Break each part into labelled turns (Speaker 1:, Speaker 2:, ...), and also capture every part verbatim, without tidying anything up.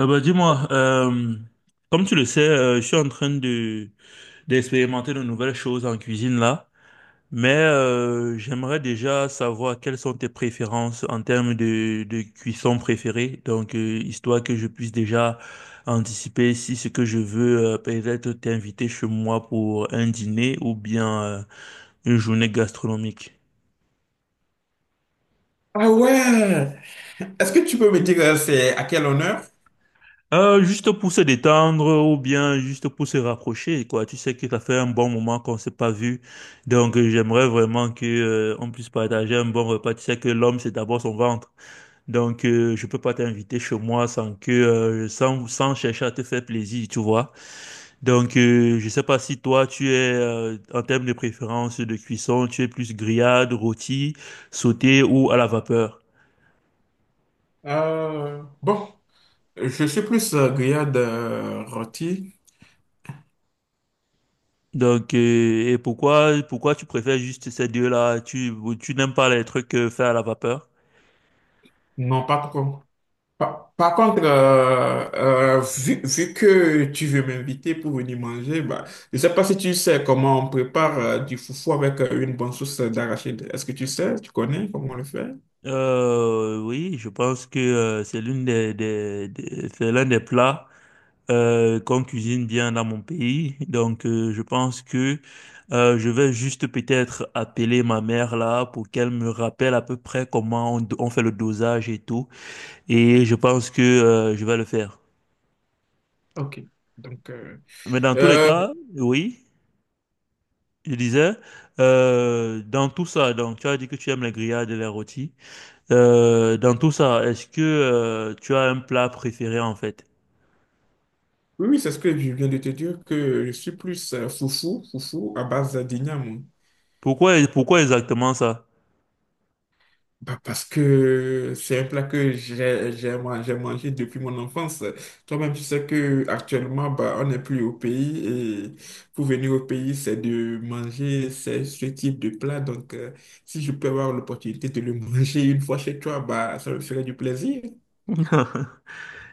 Speaker 1: Euh, bah, dis-moi, euh, comme tu le sais, euh, je suis en train de d'expérimenter de nouvelles choses en cuisine là, mais euh, j'aimerais déjà savoir quelles sont tes préférences en termes de, de cuisson préférée, donc euh, histoire que je puisse déjà anticiper si ce que je veux euh, peut-être t'inviter chez moi pour un dîner ou bien euh, une journée gastronomique.
Speaker 2: Ah ouais! Est-ce que tu peux me dire euh, c'est à quel honneur?
Speaker 1: Euh, juste pour se détendre ou bien juste pour se rapprocher, quoi. Tu sais que ça fait un bon moment qu'on s'est pas vu. Donc, euh, j'aimerais vraiment que, euh, on puisse partager un bon repas. Tu sais que l'homme, c'est d'abord son ventre. Donc, euh, je peux pas t'inviter chez moi sans que, euh, sans, sans chercher à te faire plaisir, tu vois. Donc, euh, je sais pas si toi, tu es, euh, en termes de préférence de cuisson, tu es plus grillade, rôti, sauté ou à la vapeur.
Speaker 2: Euh, bon, je suis plus euh, grillade euh, rôti.
Speaker 1: Donc, euh, et pourquoi, pourquoi tu préfères juste ces deux-là? Tu, tu n'aimes pas les trucs euh, faits à la vapeur?
Speaker 2: Non, pas trop. Par, par contre, euh, euh, vu, vu que tu veux m'inviter pour venir manger, bah, je sais pas si tu sais comment on prépare euh, du foufou avec euh, une bonne sauce d'arachide. Est-ce que tu sais, tu connais comment on le fait?
Speaker 1: Euh, oui, je pense que euh, c'est l'une des, des, des- c'est l'un des plats euh, qu'on cuisine bien dans mon pays. Donc, euh, je pense que euh, je vais juste peut-être appeler ma mère là pour qu'elle me rappelle à peu près comment on, on fait le dosage et tout. Et je pense que euh, je vais le faire.
Speaker 2: Ok. Donc, euh,
Speaker 1: Mais dans tous les
Speaker 2: euh,
Speaker 1: cas, oui. Je disais, euh, dans tout ça, donc tu as dit que tu aimes les grillades et les rôtis. Euh, dans tout ça, est-ce que euh, tu as un plat préféré en fait?
Speaker 2: oui, oui, c'est ce que je viens de te dire, que je suis plus euh, foufou, foufou à base d'igname.
Speaker 1: Pourquoi, pourquoi exactement ça?
Speaker 2: Bah, parce que c'est un plat que j'ai j'ai man- j'ai mangé depuis mon enfance. Toi-même, tu sais que actuellement, bah, on n'est plus au pays et pour venir au pays, c'est de manger ce ce type de plat. Donc, euh, si je peux avoir l'opportunité de le manger une fois chez toi, bah, ça me ferait du plaisir.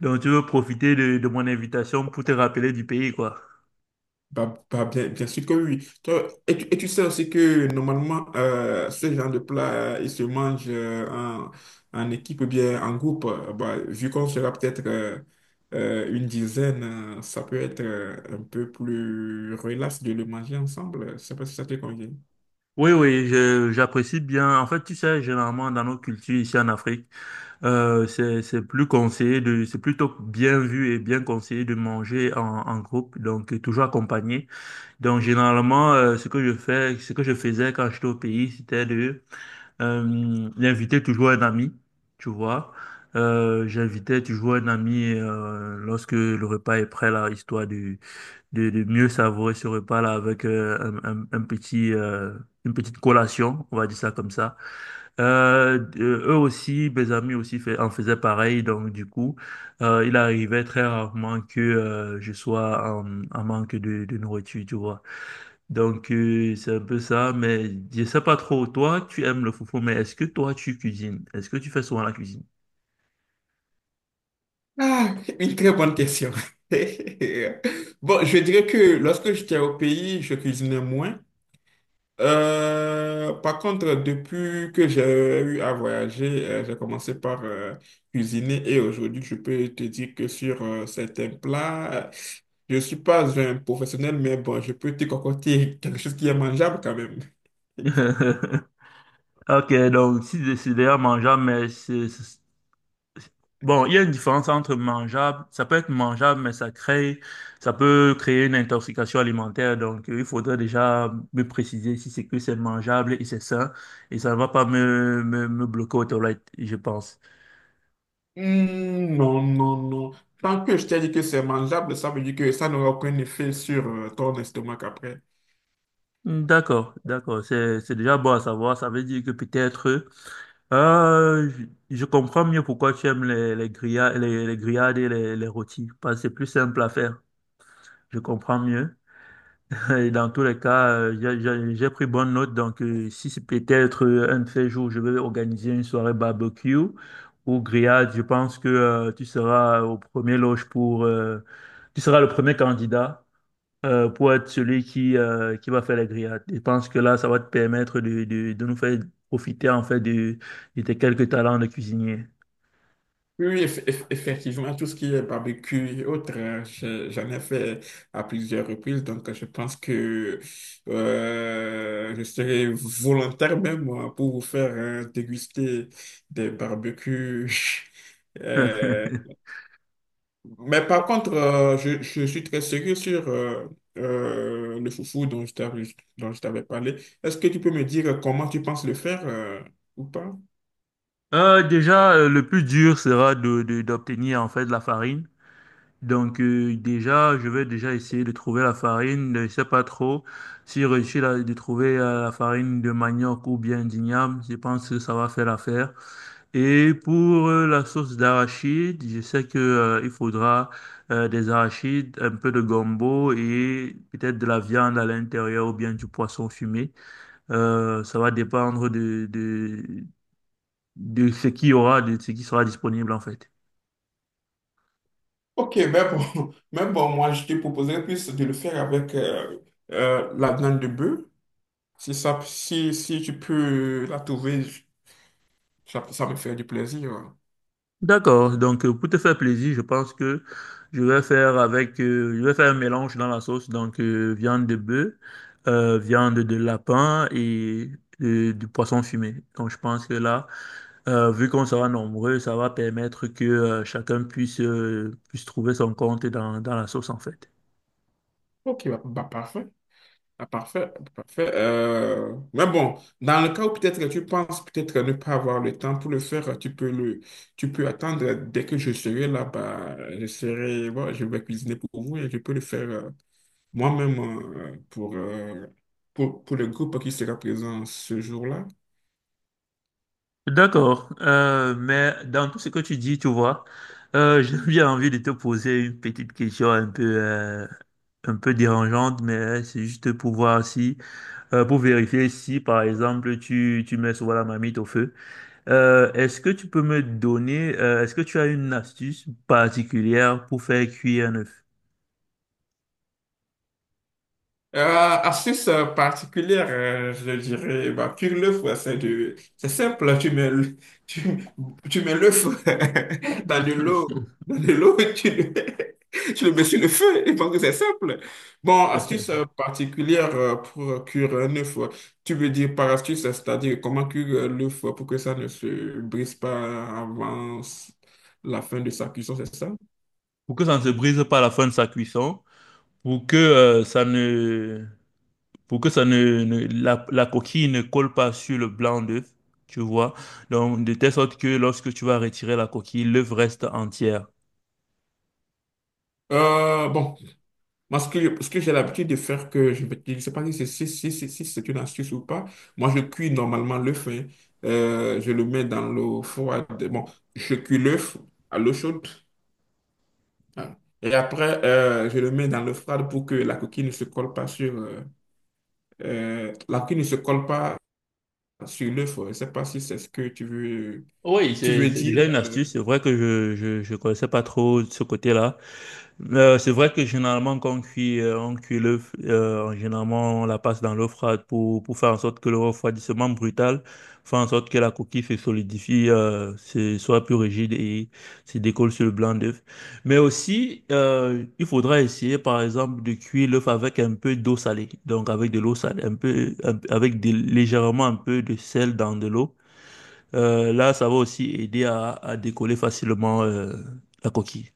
Speaker 1: Donc tu veux profiter de, de mon invitation pour te rappeler du pays, quoi.
Speaker 2: Bah, bah, bien, bien sûr que oui. Toi, et, tu, et tu sais aussi que normalement, euh, ce genre de plat, euh, il se mange euh, en, en équipe ou bien en groupe. Euh, Bah, vu qu'on sera peut-être euh, euh, une dizaine, euh, ça peut être euh, un peu plus relax de le manger ensemble. Je sais pas si ça te convient.
Speaker 1: Oui, oui, je- j'apprécie bien. En fait, tu sais, généralement dans nos cultures ici en Afrique, euh, c'est c'est plus conseillé de, c'est plutôt bien vu et bien conseillé de manger en, en groupe, donc toujours accompagné. Donc généralement, euh, ce que je fais, ce que je faisais quand j'étais au pays, c'était de euh, d'inviter toujours un ami, tu vois. Euh, j'invitais toujours un ami euh, lorsque le repas est prêt là, histoire de de, de mieux savourer ce repas là avec euh, un, un, un petit euh, une petite collation, on va dire ça comme ça. Euh, euh, eux aussi, mes amis aussi fait, en faisaient pareil, donc du coup, euh, il arrivait très rarement que euh, je sois en, en manque de, de nourriture, tu vois. Donc, euh, c'est un peu ça, mais je sais pas trop. Toi, tu aimes le foufou, mais est-ce que toi, tu cuisines? Est-ce que tu fais souvent la cuisine?
Speaker 2: Ah, une très bonne question. Bon, je dirais que lorsque j'étais au pays, je cuisinais moins. Euh, par contre, depuis que j'ai eu à voyager, euh, j'ai commencé par euh, cuisiner et aujourd'hui, je peux te dire que sur euh, certains plats, euh, je suis pas un professionnel, mais bon, je peux te concocter quelque chose qui est mangeable quand même.
Speaker 1: Ok, donc si c'est d'ailleurs mangeable, mais c'est... c'est- bon, il y a une différence entre mangeable, ça peut être mangeable, mais ça crée, ça peut créer une intoxication alimentaire. Donc, euh, il faudrait déjà me préciser si c'est que c'est mangeable et c'est sain, et ça ne va pas me, me, me bloquer aux toilettes, je pense.
Speaker 2: Hmm, non, non, non. Tant que je t'ai dit que c'est mangeable, ça veut dire que ça n'aura aucun effet sur euh, ton estomac après.
Speaker 1: Hmm, d'accord, d'accord. C'est, c'est déjà bon à savoir. Ça veut dire que peut-être, euh, je, je comprends mieux pourquoi tu aimes les, les grillades, les, les grillades et les, les rôtis. Parce que c'est plus simple à faire. Je comprends mieux. Et dans tous les cas, euh, j'ai j'ai- j'ai pris bonne note. Donc, euh, si c'est peut-être euh, un de ces jours, je vais organiser une soirée barbecue ou grillade, je pense que euh, tu seras au premier loge pour, euh, tu seras le premier candidat euh, pour être celui qui, euh, qui va faire la grillade. Je pense que là, ça va te permettre de, de, de nous faire profiter en fait de, de tes quelques talents de cuisinier.
Speaker 2: Oui, eff- eff- effectivement, tout ce qui est barbecue et autres, euh, je- j'en ai fait à plusieurs reprises, donc euh, je pense que euh, je serai volontaire même moi pour vous faire euh, déguster des barbecues. Euh, mais par contre, euh, je, je suis très sérieux sur euh, euh, le foufou dont je t'avais dont je t'avais parlé. Est-ce que tu peux me dire comment tu penses le faire euh, ou pas?
Speaker 1: Euh, déjà, euh, le plus dur sera de, de- d'obtenir en fait la farine. Donc euh, déjà, je vais déjà essayer de trouver la farine. Je sais pas trop si je réussis la- de trouver euh, la farine de manioc ou bien d'igname. Je pense que ça va faire l'affaire. Et pour euh, la sauce d'arachide, je sais que euh, il faudra euh, des arachides, un peu de gombo et peut-être de la viande à l'intérieur ou bien du poisson fumé. Euh, ça va dépendre de, de, de ce qu'il y aura, de ce qui sera disponible en fait.
Speaker 2: Ok, mais bon, mais bon, moi, je te proposerais plus de le faire avec euh, euh, la viande de bœuf. Si ça, si, si tu peux la trouver, je- ça, ça me fait du plaisir, hein.
Speaker 1: D'accord, donc euh, pour te faire plaisir, je pense que je vais faire avec, euh, je vais faire un mélange dans la sauce, donc euh, viande de bœuf, euh, viande de lapin et euh, du poisson fumé. Donc je pense que là, Euh, vu qu'on sera nombreux, ça va permettre que euh, chacun puisse, euh, puisse trouver son compte dans, dans la sauce, en fait.
Speaker 2: Ok, bah, bah, parfait. Ah, parfait, parfait. Euh, mais bon, dans le cas où peut-être tu penses peut-être ne pas avoir le temps pour le faire, tu peux le, tu peux attendre dès que je serai là-bas. Je serai, bon, je vais cuisiner pour vous et je peux le faire. euh, Moi-même, euh, pour, euh, pour, pour le groupe qui sera présent ce jour-là.
Speaker 1: D'accord. Euh, mais dans tout ce que tu dis, tu vois, euh, j'ai bien envie de te poser une petite question un peu, euh, un peu dérangeante, mais euh, c'est juste pour voir si, euh, pour vérifier si, par exemple, tu, tu mets souvent la marmite au feu. Euh, est-ce que tu peux me donner, euh, est-ce que tu as une astuce particulière pour faire cuire un œuf?
Speaker 2: Euh, Astuce euh, particulière, euh, je dirais, bah, cuire l'œuf, ouais, c'est de- c'est simple, tu mets, le- tu, tu mets l'œuf dans de l'eau, dans de l'eau, tu le, tu le mets sur le feu, et pense que c'est simple. Bon, astuce euh, particulière euh, pour cuire un œuf, ouais. Tu veux dire par astuce, c'est-à-dire comment cuire euh, l'œuf euh, pour que ça ne se brise pas avant s- la fin de sa cuisson, c'est ça?
Speaker 1: Pour que ça ne se brise pas à la fin de sa cuisson, pour que euh, ça ne, pour que ça ne, ne- la, la coquille ne colle pas sur le blanc d'œuf, tu vois. Donc, de telle sorte que lorsque tu vas retirer la coquille, l'œuf reste entière.
Speaker 2: Euh, bon. Moi, ce que, je- ce que j'ai l'habitude de faire, que je ne sais pas si c'est si, si- si- si c'est une astuce ou pas, moi, je cuis normalement l'œuf, hein. Euh, je le mets dans l'eau froide. Bon, je cuis l'œuf à l'eau chaude, hein. Et après, euh, je le mets dans l'eau froide pour que la coquille ne se colle pas sur... euh, euh, la coquille ne se colle pas sur l'œuf. Je ne sais pas si c'est ce que tu veux,
Speaker 1: Oui,
Speaker 2: tu
Speaker 1: c'est
Speaker 2: veux
Speaker 1: c'est
Speaker 2: dire.
Speaker 1: déjà une
Speaker 2: Euh.
Speaker 1: astuce. C'est vrai que je, je, je connaissais pas trop ce côté-là. Euh, c'est vrai que généralement, quand on cuit, euh, on cuit l'œuf, euh, généralement, on la passe dans l'eau froide pour, pour faire en sorte que le refroidissement brutal fait en sorte que la coquille se solidifie, euh, se- soit plus rigide et se décolle sur le blanc d'œuf. Mais aussi, euh, il faudra essayer, par exemple, de cuire l'œuf avec un peu d'eau salée. Donc, avec de l'eau salée, un peu, un avec des- légèrement un peu de sel dans de l'eau. Euh, là, ça va aussi aider à, à décoller facilement, euh, la coquille.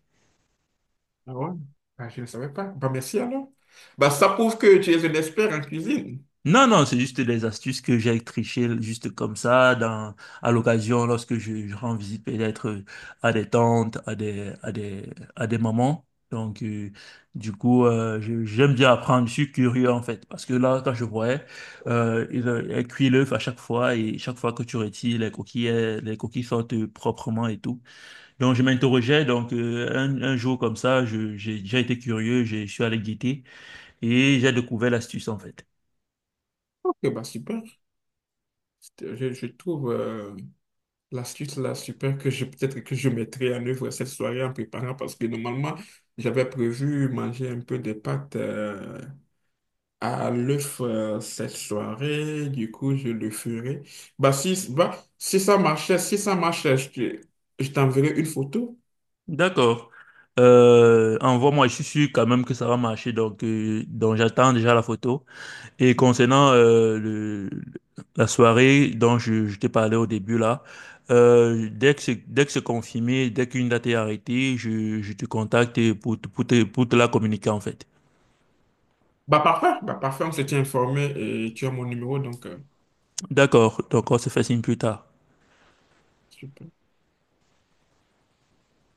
Speaker 2: Ah ouais? Ah, je ne savais pas. Bah, merci alors. Bah, ça prouve que tu es un expert en cuisine.
Speaker 1: Non, non, c'est juste des astuces que j'ai trichées juste comme ça, dans, à l'occasion, lorsque je, je rends visite peut-être euh, à des tantes, à des, à des, à des mamans. Donc, euh, du coup, euh, je- j'aime bien apprendre, je suis curieux en fait, parce que là, quand je voyais, euh, il, euh, elle cuit l'œuf à chaque fois, et chaque fois que tu retires les coquilles, euh, les coquilles sortent euh, proprement et tout. Donc, je m'interrogeais, donc, euh, un, un jour comme ça, je, j'ai déjà été curieux, je je suis allé guetter, et j'ai découvert l'astuce en fait.
Speaker 2: Ok, bah super. C'était- Je, je trouve euh, l'astuce là super que je peut-être que je mettrai en œuvre cette soirée en préparant parce que normalement j'avais prévu manger un peu de pâtes euh, à l'œuf euh, cette soirée. Du coup, je le ferai. Bah si, bah, si ça marchait, si ça marchait, je, te- je t'enverrai une photo.
Speaker 1: D'accord. Euh, envoie-moi, je suis sûr quand même que ça va marcher, donc, euh, donc j'attends déjà la photo. Et concernant euh, le, la soirée dont je, je t'ai parlé au début là, euh, dès que c'est, dès que c'est confirmé, dès qu'une date est arrêtée, je, je te contacte pour, te- pour te, pour te la communiquer en fait.
Speaker 2: Bah parfait, bah parfait, on s'était informé et tu as mon numéro donc. Euh.
Speaker 1: D'accord, donc on se fait signe plus tard.
Speaker 2: Super.